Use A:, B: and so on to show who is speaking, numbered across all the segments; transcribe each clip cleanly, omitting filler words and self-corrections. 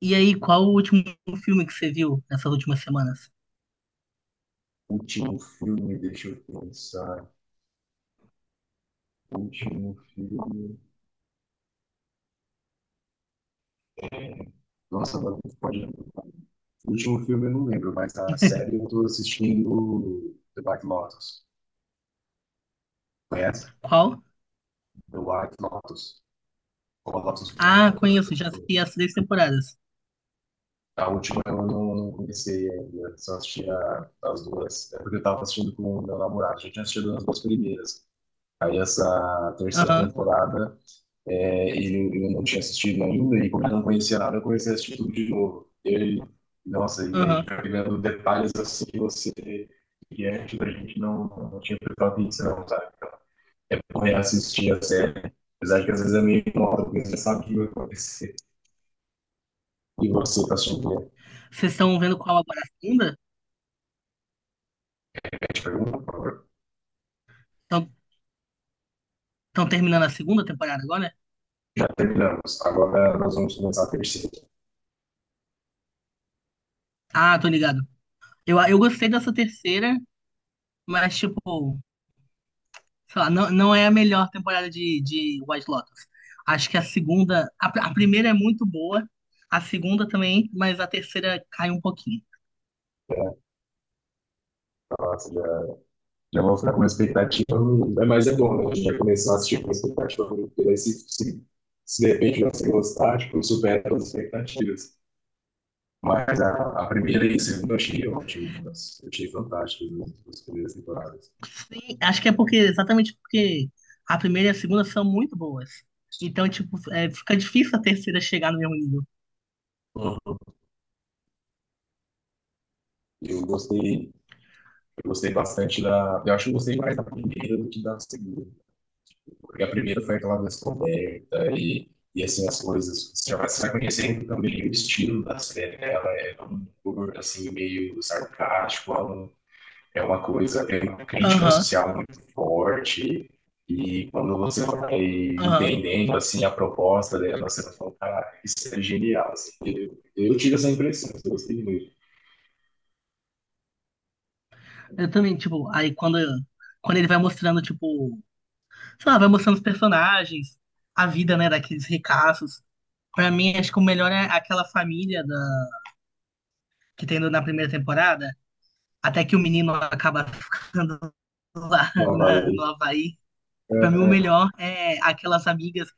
A: E aí, qual o último filme que você viu nessas últimas semanas?
B: Último filme, deixa eu pensar. Último filme. Nossa, agora não pode. O último filme eu não lembro, mas a série eu tô assistindo The White Lotus. Conhece?
A: Qual?
B: The White Lotus. Ou a Lotus
A: Ah,
B: Branca, alguma
A: conheço,
B: coisa
A: já
B: assim.
A: assisti as três temporadas.
B: A última eu não comecei ainda, só assisti as duas. É porque eu tava assistindo com o meu namorado, já tinha assistido as duas primeiras. Aí essa terceira
A: Aham,
B: temporada, é, ele, eu não tinha assistido ainda, e como eu não conhecia nada, eu comecei a assistir tudo de novo. E aí, nossa, e aí a gente
A: aham.
B: vai pegando detalhes assim que você. E antes a gente não tinha prestado atenção, sabe? Então, é bom reassistir a série. Apesar de que às vezes é meio moda, porque você sabe o que vai acontecer. E você está assistindo a
A: Vocês estão vendo qual agora? A segunda?
B: gente pergunta,
A: Estão terminando a segunda temporada agora?
B: já terminamos. Agora nós vamos começar a terceira.
A: Ah, tô ligado. Eu gostei dessa terceira, mas, tipo, sei lá, não é a melhor temporada de White Lotus. Acho que a segunda. A, a primeira é muito boa, a segunda também, mas a terceira cai um pouquinho.
B: Né? Nossa, já, já vou ficar com uma expectativa, mais é bom, né? A gente vai começar a assistir com uma expectativa, porque daí se de repente você gostar, tipo, supera todas as expectativas. Mas a primeira e a segunda eu achei ótimas, eu achei fantásticas, né, as primeiras temporadas.
A: Sim, acho que é porque, exatamente porque a primeira e a segunda são muito boas. Então, tipo, é, fica difícil a terceira chegar no mesmo nível.
B: Uhum. Eu gostei, eu gostei bastante da. Eu acho que eu gostei mais da primeira do que da segunda. Porque a primeira foi aquela descoberta e assim, as coisas. Você vai conhecendo também o estilo da série, né? Ela é um humor assim, meio sarcástico, ela é uma coisa, é uma crítica
A: Aham,
B: social muito forte. E quando você vai
A: aham.
B: entendendo assim a proposta dela, você vai falar, cara, isso é genial, assim. Eu tive essa impressão, eu gostei muito.
A: Eu também, tipo, aí quando, quando ele vai mostrando, tipo, sei lá, vai mostrando os personagens, a vida, né, daqueles ricaços. Pra mim, acho que o melhor é aquela família da, que tem na primeira temporada, até que o menino acaba lá
B: Não,
A: na,
B: vai.
A: no Havaí. Pra mim, o
B: eh,
A: melhor é aquelas amigas.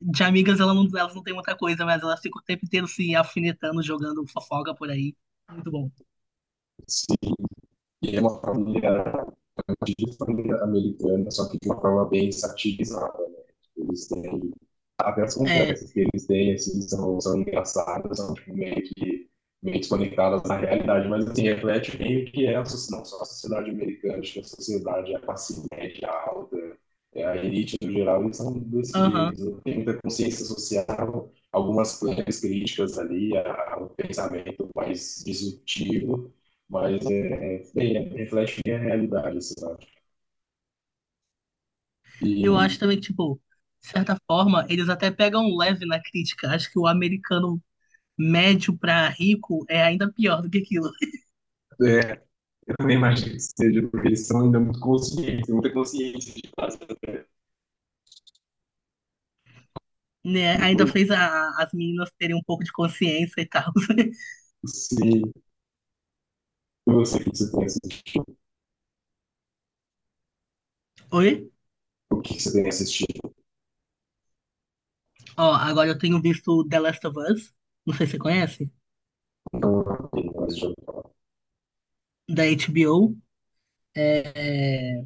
A: De amigas, ela não, elas não têm muita coisa, mas elas ficam o tempo inteiro se alfinetando, jogando fofoca por aí. Muito bom.
B: se e é uma família, é uma típica família americana, só que de uma forma bem satirizada, né? Eles têm, até as
A: É,
B: conversas que eles têm, assim, são engraçadas, são tipo, meio que meio desconectadas da realidade, mas assim, reflete bem o que é a sociedade, não só a sociedade americana, acho que a sociedade, a classe média alta, é, a elite no geral, eles são desse
A: aham.
B: jeito, não tem muita consciência social, algumas claras críticas ali ao pensamento mais disruptivo, mas reflete bem a realidade, sabe?
A: Eu
B: E
A: acho também que, tipo, de certa forma, eles até pegam leve na crítica. Acho que o americano médio pra rico é ainda pior do que aquilo.
B: é, eu também imagino que seja porque eles são ainda muito conscientes, muita consciência de casa até.
A: Né?
B: Tipo,
A: Ainda fez as meninas terem um pouco de consciência e tal.
B: se você tem assistido,
A: Oi?
B: o que você tem assistido,
A: Ó, agora eu tenho visto The Last of Us. Não sei se você conhece.
B: então, não tem mais jogo.
A: Da HBO. É... é,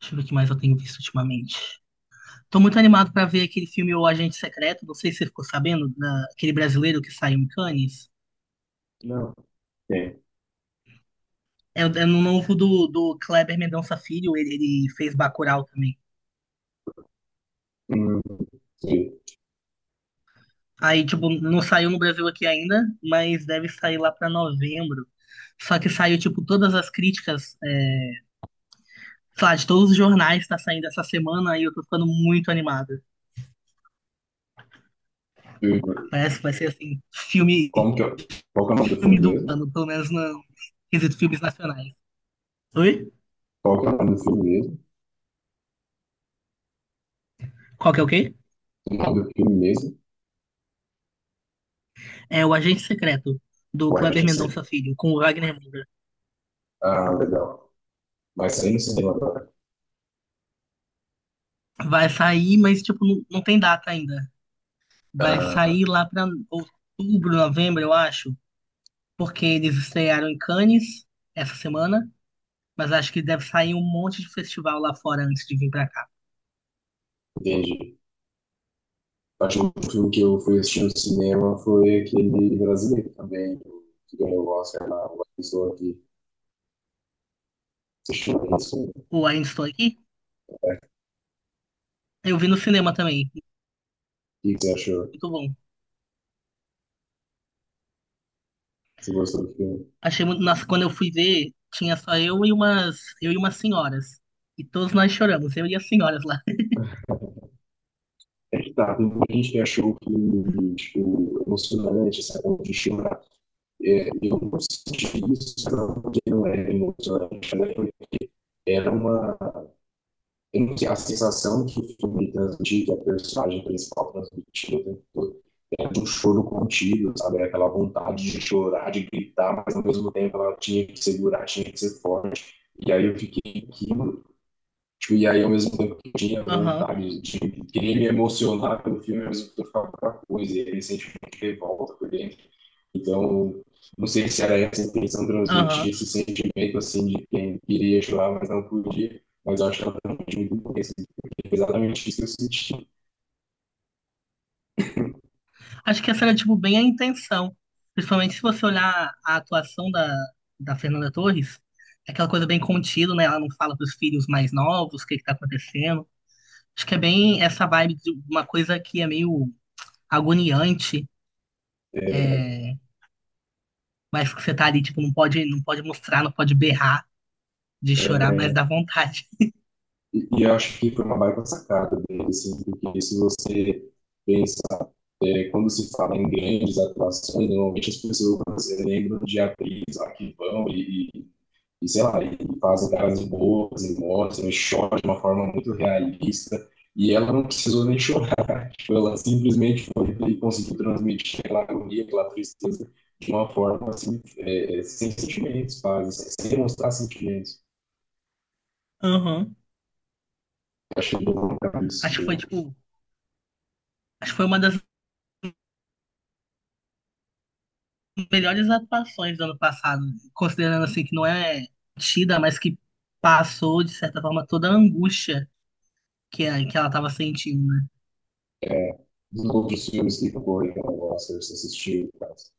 A: Deixa eu ver o que mais eu tenho visto ultimamente. Tô muito animado pra ver aquele filme O Agente Secreto. Não sei se você ficou sabendo, aquele brasileiro que saiu em Cannes.
B: Não, tem.
A: É, é no novo do, do Kleber Mendonça Filho, ele fez Bacurau também.
B: Hum,
A: Aí, tipo, não saiu no Brasil aqui ainda, mas deve sair lá pra novembro. Só que saiu, tipo, todas as críticas, é, sei lá, de todos os jornais tá saindo essa semana. Aí eu tô ficando muito animado. Parece que vai ser, assim, filme,
B: como que eu, qual que é o nome do filme
A: filme do
B: mesmo?
A: ano, pelo menos no quesito filmes nacionais. Oi?
B: Qual que é o nome do filme mesmo?
A: Qual que é o quê?
B: O nome do filme mesmo?
A: É o Agente Secreto do
B: Ué,
A: Kleber
B: não sei.
A: Mendonça Filho com o Wagner Moura.
B: Ah, legal. Vai sair no cinema agora.
A: Vai sair, mas tipo, não tem data ainda. Vai
B: Ah,
A: sair lá pra outubro, novembro, eu acho, porque eles estrearam em Cannes essa semana, mas acho que deve sair um monte de festival lá fora antes de vir pra cá.
B: entendi. Acho que o filme que eu fui assistir no cinema foi aquele brasileiro também, que ganhou o Oscar lá, uma pessoa que assistiu esse filme.
A: O Ainda Estou Aqui,
B: Né? O
A: eu vi no cinema também,
B: que você achou?
A: muito bom.
B: Você gostou do filme?
A: Achei muito, nossa, quando eu fui ver, tinha só eu e umas senhoras. E todos nós choramos, eu e as senhoras lá.
B: É que tá, tem muita gente que achou o filme, tipo, emocionante, sabe, de chorar. É, eu não senti isso, não, porque não é emocionante, né? Era uma tem que a sensação que o filme transmitir, que a personagem principal transmitiu o tempo todo, é de um choro contido, sabe? É aquela vontade de chorar, de gritar, mas ao mesmo tempo ela tinha que segurar, tinha que ser forte. E aí eu fiquei, que tipo, e aí, ao mesmo tempo que eu tinha
A: Aham,
B: vontade de querer me emocionar pelo filme, ao mesmo tempo eu ficava com outra coisa, e aí, recentemente revolta por dentro. Então, não sei se era essa a intenção transmitir
A: aham.
B: esse sentimento assim de quem queria chorar, mas não podia. Mas eu acho que ela transmitiu muito bem, porque é exatamente isso que eu senti.
A: Acho que essa era, tipo, bem a intenção. Principalmente se você olhar a atuação da, da Fernanda Torres, é aquela coisa bem contida, né? Ela não fala pros filhos mais novos o que que tá acontecendo. Acho que é bem essa vibe de uma coisa que é meio agoniante, é, mas que você tá ali, tipo, não pode mostrar, não pode berrar de chorar,
B: É,
A: mas dá vontade.
B: e eu acho que foi uma baita sacada dele, assim, porque se você pensa é, quando se fala em grandes atuações, normalmente as pessoas lembram de atrizes lá que vão sei lá, e fazem caras boas e mostram e choram de uma forma muito realista. E ela não precisou nem chorar. Tipo, ela simplesmente foi e conseguiu transmitir aquela agonia, aquela tristeza de uma forma assim, sem sentimentos, quase, sem demonstrar sentimentos.
A: Aham.
B: Achei bem isso
A: Acho que foi,
B: do,
A: tipo, acho que foi uma das melhores atuações do ano passado, considerando, assim, que não é tida, mas que passou, de certa forma, toda a angústia que, que ela tava sentindo, né?
B: é, dos outros filmes que concorreram ao Oscar, se assistiu, quase.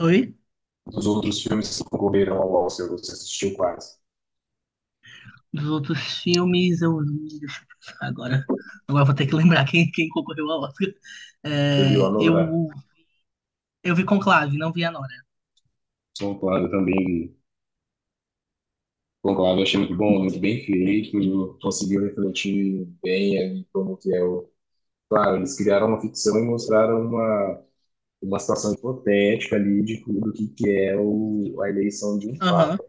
A: Oi?
B: Dos outros filmes que concorreram ao Oscar, você assistiu quase.
A: Dos outros filmes, eu. Deixa eu pensar agora. Agora eu vou ter que lembrar quem, quem concorreu ao Oscar.
B: Você viu a
A: É,
B: Nora?
A: eu, eu vi Conclave, não vi a Nora.
B: Sou claro, também concordo, achei muito bom, muito bem feito, conseguiu refletir bem ali como que é o... Claro, eles criaram uma ficção e mostraram uma situação hipotética ali de tudo que é o, a eleição de um
A: Aham.
B: papa.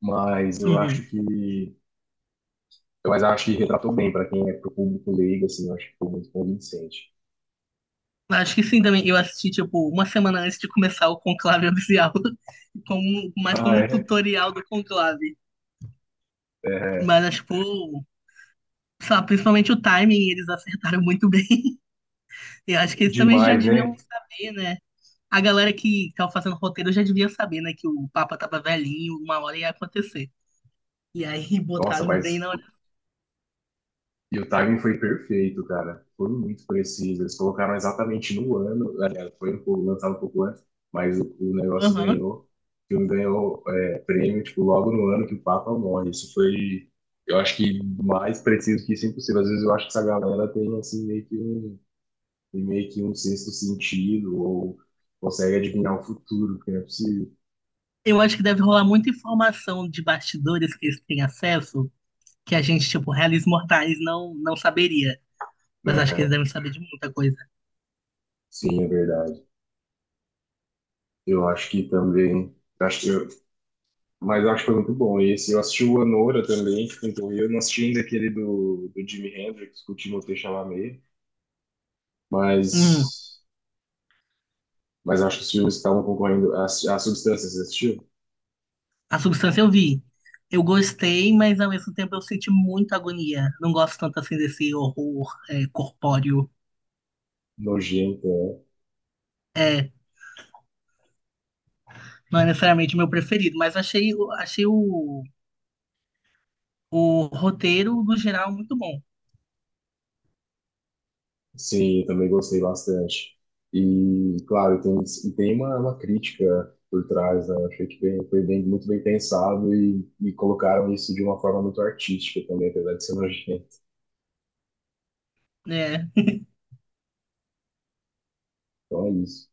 B: Mas eu acho
A: Uhum.
B: que... Mas eu acho que retratou bem para quem é pro público leigo, assim, eu acho que foi muito convincente.
A: Acho que sim também. Eu assisti, tipo, uma semana antes de começar o Conclave oficial. Como, mais
B: Ah,
A: como um
B: é?
A: tutorial do Conclave.
B: É
A: Mas, acho, tipo, sabe, principalmente o timing, eles acertaram muito bem. Eu acho que eles também já
B: demais,
A: deviam
B: né?
A: saber, né? A galera que tava fazendo roteiro já devia saber, né? Que o Papa tava velhinho, uma hora ia acontecer. E aí
B: Nossa,
A: botaram bem
B: mas
A: na hora.
B: e o timing foi perfeito, cara. Foi muito preciso. Eles colocaram exatamente no ano. Aliás, foi um pouco, lançado um pouco antes, mas o negócio
A: Aham.
B: ganhou. O filme ganhou é, prêmio, tipo, logo no ano que o Papa morre. Isso foi, eu acho que mais preciso que isso é impossível. Às vezes eu acho que essa galera tem, assim, meio que um, tem meio que um sexto sentido ou consegue adivinhar o futuro, que não é possível.
A: Eu acho que deve rolar muita informação de bastidores que eles têm acesso, que a gente, tipo, reis mortais não saberia. Mas acho que eles
B: Aham.
A: devem saber de muita coisa.
B: Sim, é verdade. Eu acho que também. Acho que eu, mas eu acho que foi muito bom esse. Eu assisti o Anora também, que pintou o Rio. Eu não assisti ainda aquele do Jimi Hendrix, com o Timothée Chalamet,
A: Hum,
B: mas, mas acho que os filmes que estavam concorrendo. A Substância, você assistiu?
A: a substância eu vi. Eu gostei, mas ao mesmo tempo eu senti muita agonia. Não gosto tanto assim desse horror é, corpóreo.
B: Nojenta, né?
A: É, não é necessariamente o meu preferido, mas achei, achei o roteiro, no geral, é muito bom,
B: Sim, eu também gostei bastante. E, claro, tem, e tem uma crítica por trás, né? Eu achei que bem, foi bem, muito bem pensado e colocaram isso de uma forma muito artística também, apesar de ser nojento.
A: né?
B: Então é isso.